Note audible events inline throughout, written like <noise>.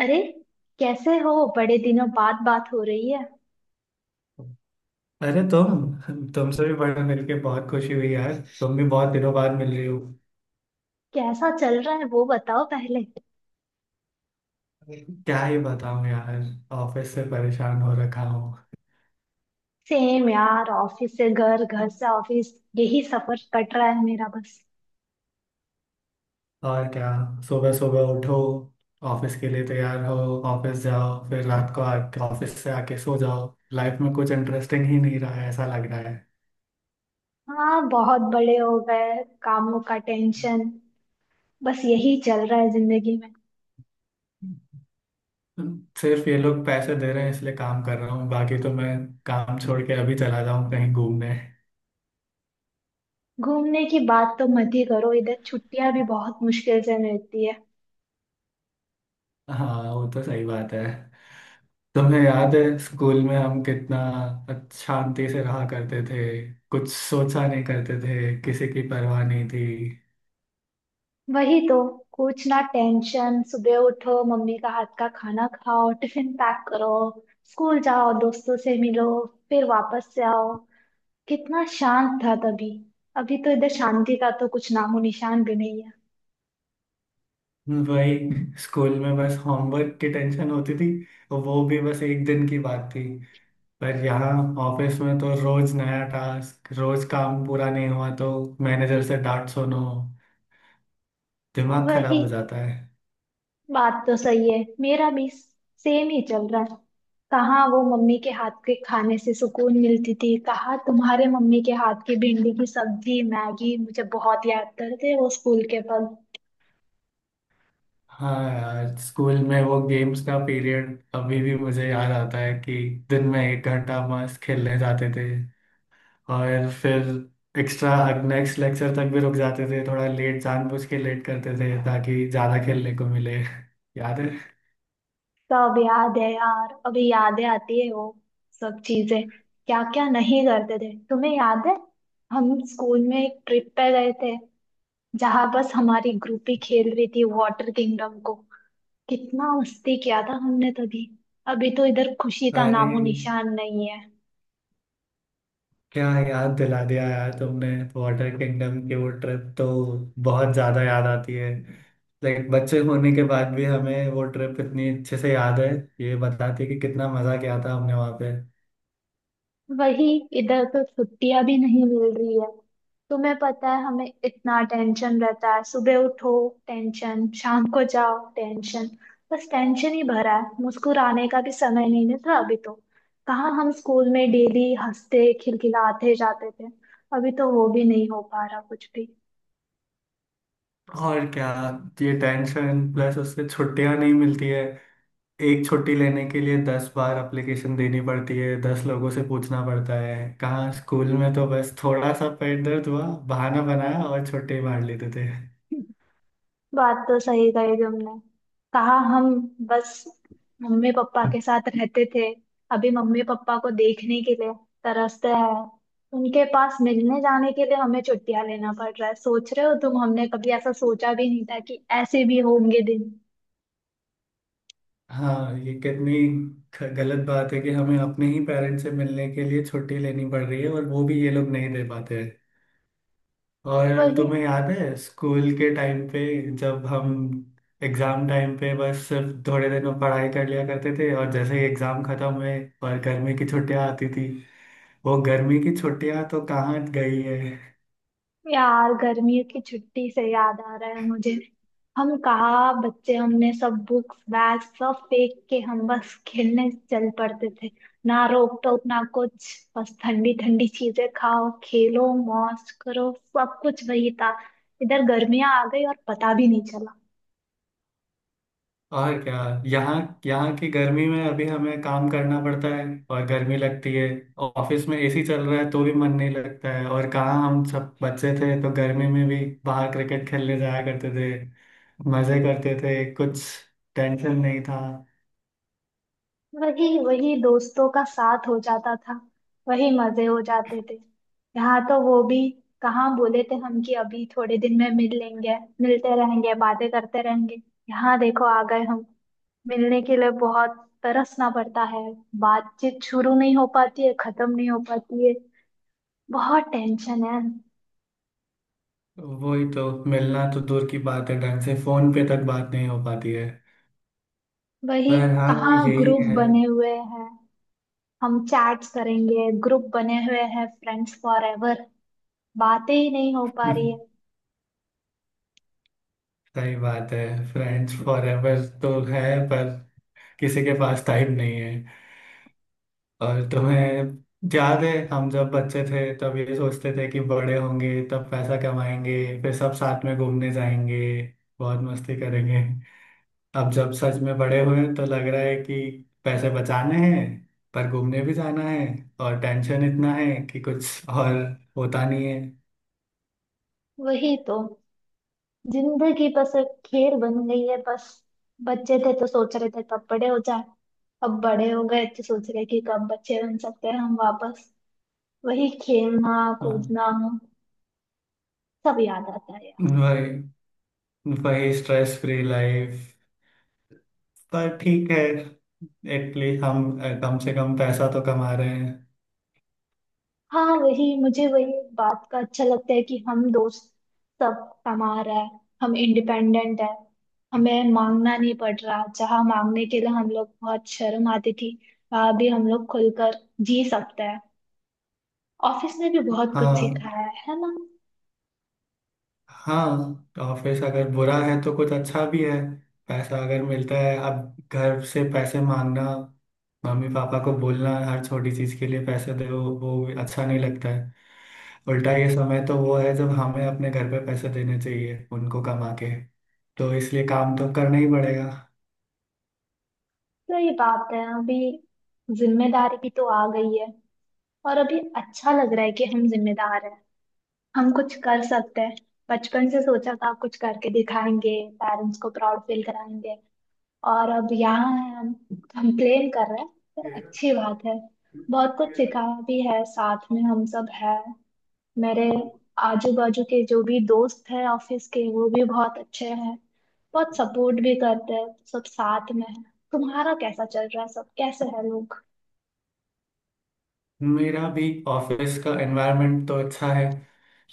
अरे, कैसे हो। बड़े दिनों बाद बात हो रही है। अरे तुमसे भी बड़ा मिलके बहुत खुशी हुई यार। तुम भी बहुत दिनों बाद मिल रही हो। कैसा चल रहा है वो बताओ पहले। क्या ही बताऊं यार, ऑफिस से परेशान हो रखा हूँ। सेम यार, ऑफिस से घर, घर से ऑफिस, यही सफर कट रहा है मेरा बस। और क्या, सुबह सुबह उठो, ऑफिस के लिए तैयार हो, ऑफिस जाओ, फिर रात को आके ऑफिस से आके सो जाओ। लाइफ में कुछ इंटरेस्टिंग ही नहीं रहा है ऐसा लग रहा है। हाँ, बहुत बड़े हो गए, कामों का टेंशन बस यही चल रहा है जिंदगी में। सिर्फ ये लोग पैसे दे रहे हैं इसलिए काम कर रहा हूँ, बाकी तो मैं काम छोड़ के अभी चला जाऊँ कहीं घूमने। घूमने की बात तो मत ही करो, इधर छुट्टियां भी बहुत मुश्किल से मिलती है। हाँ, वो तो सही बात है। तुम्हें याद है स्कूल में हम कितना शांति से रहा करते थे। कुछ सोचा नहीं करते थे, किसी की परवाह नहीं थी। वही तो, कुछ ना टेंशन, सुबह उठो, मम्मी का हाथ का खाना खाओ, टिफिन पैक करो, स्कूल जाओ, दोस्तों से मिलो, फिर वापस से आओ। कितना शांत था तभी। अभी तो इधर शांति का तो कुछ नामो निशान भी नहीं है। वही, स्कूल में बस होमवर्क की टेंशन होती थी, और वो भी बस एक दिन की बात थी। पर यहाँ ऑफिस में तो रोज नया टास्क, रोज काम पूरा नहीं हुआ तो मैनेजर से डांट सुनो, दिमाग खराब वही, हो जाता है। बात तो सही है, मेरा भी सेम ही चल रहा है। कहाँ वो मम्मी के हाथ के खाने से सुकून मिलती थी, कहाँ तुम्हारे मम्मी के हाथ की भिंडी की सब्जी, मैगी, मुझे बहुत याद करते हैं वो स्कूल के पल। हाँ यार, स्कूल में वो गेम्स का पीरियड अभी भी मुझे याद आता है कि दिन में एक घंटा मस्त खेलने जाते थे, और फिर एक्स्ट्रा नेक्स्ट लेक्चर तक भी रुक जाते थे, थोड़ा लेट जानबूझ के लेट करते थे ताकि ज़्यादा खेलने को मिले। <laughs> याद है? सब याद है यार, अभी यादें आती है वो सब चीजें। क्या क्या नहीं करते थे। तुम्हें याद है, हम स्कूल में एक ट्रिप पे गए थे, जहां बस हमारी ग्रुप ही खेल रही थी, वाटर किंगडम को। कितना मस्ती किया था हमने तभी। अभी तो इधर खुशी का अरे, नामो निशान नहीं है। क्या याद दिला दिया यार तुमने। वाटर किंगडम की वो ट्रिप तो बहुत ज़्यादा याद आती है। लाइक बच्चे होने के बाद भी हमें वो ट्रिप इतनी अच्छे से याद है, ये बताती है कि कितना मज़ा किया था हमने वहाँ पे। वही, इधर तो छुट्टियां भी नहीं मिल रही है। तुम्हें पता है, हमें इतना टेंशन रहता है। सुबह उठो टेंशन, शाम को जाओ टेंशन, बस टेंशन ही भरा है। मुस्कुराने का भी समय नहीं मिलता अभी तो। कहाँ हम स्कूल में डेली हंसते खिलखिलाते जाते थे, अभी तो वो भी नहीं हो पा रहा कुछ भी। और क्या, ये टेंशन प्लस उससे छुट्टियां नहीं मिलती है। एक छुट्टी लेने के लिए दस बार एप्लीकेशन देनी पड़ती है, दस लोगों से पूछना पड़ता है। कहाँ स्कूल में तो बस थोड़ा सा पेट दर्द हुआ, बहाना बनाया और छुट्टी मार लेते थे। बात तो सही कही तुमने। कहा हम बस मम्मी पापा के साथ रहते थे, अभी मम्मी पापा को देखने के लिए तरसते हैं। उनके पास मिलने जाने के लिए हमें छुट्टियां लेना पड़ रहा है। सोच रहे हो तुम, हमने कभी ऐसा सोचा भी नहीं था कि ऐसे भी होंगे दिन। हाँ, ये कितनी गलत बात है कि हमें अपने ही पेरेंट्स से मिलने के लिए छुट्टी लेनी पड़ रही है, और वो भी ये लोग नहीं दे पाते। और वही, तुम्हें याद है स्कूल के टाइम पे, जब हम एग्जाम टाइम पे बस सिर्फ थोड़े दिनों पढ़ाई कर लिया करते थे, और जैसे ही एग्जाम खत्म हुए और गर्मी की छुट्टियां आती थी। वो गर्मी की छुट्टियां तो कहाँ गई है। यार गर्मियों की छुट्टी से याद आ रहा है मुझे। हम कहा बच्चे, हमने सब बुक्स बैग सब फेंक के हम बस खेलने चल पड़ते थे। ना रोक टोक ना कुछ, बस ठंडी ठंडी चीजें खाओ, खेलो, मौज करो। सब कुछ वही था। इधर गर्मियां आ गई और पता भी नहीं चला। और क्या, यहाँ यहाँ की गर्मी में अभी हमें काम करना पड़ता है और गर्मी लगती है। और ऑफिस में एसी चल रहा है तो भी मन नहीं लगता है। और कहाँ हम सब बच्चे थे तो गर्मी में भी बाहर क्रिकेट खेलने जाया करते थे, मजे करते थे, कुछ टेंशन नहीं था। वही, वही दोस्तों का साथ हो जाता था, वही मजे हो जाते थे। यहाँ तो वो भी, कहाँ बोले थे हम कि अभी थोड़े दिन में मिल लेंगे, मिलते रहेंगे, बातें करते रहेंगे। यहाँ देखो आ गए हम, मिलने के लिए बहुत तरसना पड़ता है। बातचीत शुरू नहीं हो पाती है, खत्म नहीं हो पाती है। बहुत टेंशन है। वही तो, मिलना तो दूर की बात है, ढंग से फोन पे तक बात नहीं हो पाती है। वही, पर हाँ, कहाँ यही ग्रुप है। बने हुए हैं, हम चैट्स करेंगे, ग्रुप बने हुए हैं फ्रेंड्स फॉर एवर, बातें ही नहीं हो पा रही है। <laughs> सही बात है, फ्रेंड्स फॉर एवर तो है, पर किसी के पास टाइम नहीं है। और तुम्हें याद है हम जब बच्चे थे तब ये सोचते थे कि बड़े होंगे तब पैसा कमाएंगे, फिर सब साथ में घूमने जाएंगे, बहुत मस्ती करेंगे। अब जब सच में बड़े हुए तो लग रहा है कि पैसे बचाने हैं, पर घूमने भी जाना है, और टेंशन इतना है कि कुछ और होता नहीं है। वही तो, जिंदगी बस एक खेल बन गई है बस। बच्चे थे तो सोच रहे थे कब बड़े हो जाए, अब बड़े हो गए तो सोच रहे कि कब बच्चे बन सकते हैं हम वापस। वही खेलना, हाँ, कूदना, सब याद आता है यार। वही, वही स्ट्रेस फ्री लाइफ। पर ठीक है, एटलीस्ट हम कम से कम पैसा तो कमा रहे हैं। हाँ, वही मुझे वही बात का अच्छा लगता है कि हम दोस्त सब कमा रहा है, हम इंडिपेंडेंट है, हमें मांगना नहीं पड़ रहा। जहाँ मांगने के लिए हम लोग बहुत शर्म आती थी, वहां भी हम लोग खुलकर जी सकते हैं। ऑफिस ने भी बहुत कुछ हाँ, सिखाया है ना। हाँ, ऑफिस अगर बुरा है तो कुछ अच्छा भी है। पैसा अगर मिलता है, अब घर से पैसे मांगना, मम्मी पापा को बोलना हर छोटी चीज के लिए पैसे दे, वो भी अच्छा नहीं लगता है। उल्टा ये समय तो वो है जब हमें अपने घर पे पैसे देने चाहिए उनको कमा के, तो इसलिए काम तो करना ही पड़ेगा। सही बात है, अभी जिम्मेदारी भी तो आ गई है और अभी अच्छा लग रहा है कि हम जिम्मेदार हैं, हम कुछ कर सकते हैं। बचपन से सोचा था कुछ करके दिखाएंगे, पेरेंट्स को प्राउड फील कराएंगे। और अब यहाँ है हम, कंप्लेन कर रहे हैं। पर अच्छी बात है, बहुत कुछ सीखा भी है, साथ में हम सब है। मेरे आजू बाजू के जो भी दोस्त हैं ऑफिस के, वो भी बहुत अच्छे हैं, बहुत सपोर्ट भी करते हैं, सब साथ में है। तुम्हारा कैसा चल रहा है, सब कैसे है लोग। मेरा भी ऑफिस का एनवायरनमेंट तो अच्छा है।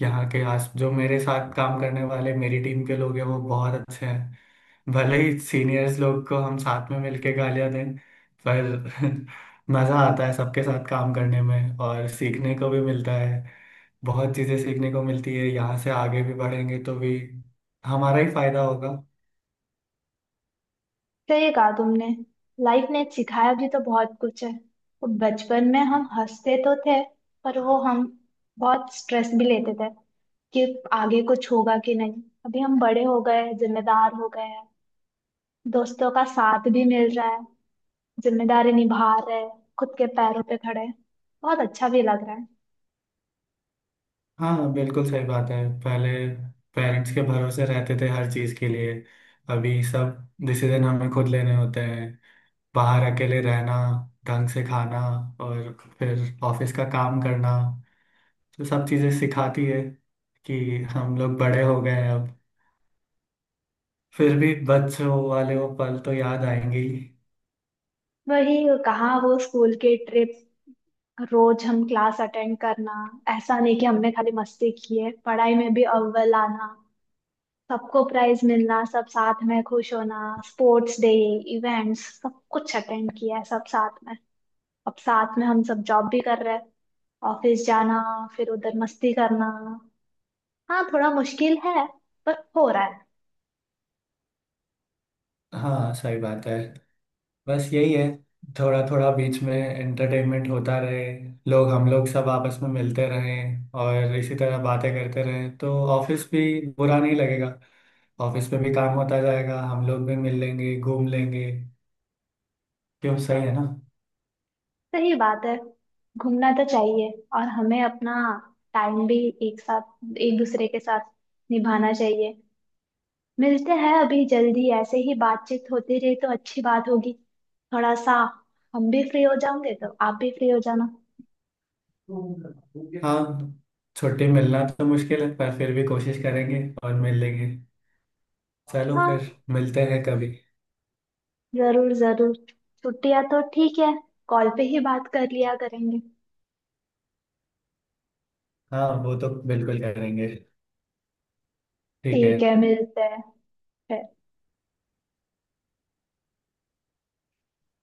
यहाँ के आस, जो मेरे साथ काम करने वाले मेरी टीम के लोग हैं, वो बहुत अच्छे हैं। भले ही सीनियर्स लोग को हम साथ में मिलके गालियां दें, पर <laughs> मज़ा आता है सबके साथ काम करने में, और सीखने को भी मिलता है। बहुत चीज़ें सीखने को मिलती है, यहाँ से आगे भी बढ़ेंगे तो भी हमारा ही फायदा होगा। सही कहा तुमने, लाइफ ने सिखाया भी तो बहुत कुछ है। वो बचपन में हम हंसते तो थे, पर वो हम बहुत स्ट्रेस भी लेते थे कि आगे कुछ होगा कि नहीं। अभी हम बड़े हो गए, जिम्मेदार हो गए हैं, दोस्तों का साथ भी मिल रहा है, जिम्मेदारी निभा रहे, खुद के पैरों पे खड़े, बहुत अच्छा भी लग रहा है। हाँ, बिल्कुल सही बात है। पहले पेरेंट्स के भरोसे रहते थे हर चीज़ के लिए, अभी सब डिसीजन हमें खुद लेने होते हैं। बाहर अकेले रहना, ढंग से खाना, और फिर ऑफिस का काम करना, तो सब चीज़ें सिखाती है कि हम लोग बड़े हो गए हैं अब। फिर भी बच्चों वाले वो पल तो याद आएंगे ही। वही, कहाँ वो स्कूल के ट्रिप, रोज हम क्लास अटेंड करना। ऐसा नहीं कि हमने खाली मस्ती की है, पढ़ाई में भी अव्वल आना, सबको प्राइज मिलना, सब साथ में खुश होना, स्पोर्ट्स डे, इवेंट्स, सब कुछ अटेंड किया है सब साथ में। अब साथ में हम सब जॉब भी कर रहे हैं, ऑफिस जाना, फिर उधर मस्ती करना। हाँ, थोड़ा मुश्किल है पर हो रहा है। हाँ, सही बात है। बस यही है, थोड़ा थोड़ा बीच में एंटरटेनमेंट होता रहे, लोग, हम लोग सब आपस में मिलते रहें और इसी तरह बातें करते रहें, तो ऑफिस भी बुरा नहीं लगेगा। ऑफिस में भी काम होता जाएगा, हम लोग भी मिल लेंगे, घूम लेंगे। क्यों, सही है ना? सही बात है, घूमना तो चाहिए और हमें अपना टाइम भी एक साथ, एक दूसरे के साथ निभाना चाहिए। मिलते हैं अभी जल्दी, ऐसे ही बातचीत होती रही तो अच्छी बात होगी। थोड़ा सा हम भी फ्री हो जाएंगे तो आप भी फ्री हो जाना। हाँ, छुट्टी मिलना तो मुश्किल है, पर फिर भी कोशिश करेंगे और मिल लेंगे। चलो हाँ, फिर मिलते हैं कभी। जरूर जरूर, छुट्टियां तो ठीक है, कॉल पे ही बात कर लिया करेंगे। हाँ, वो तो बिल्कुल करेंगे। ठीक ठीक है। है, मिलते हैं।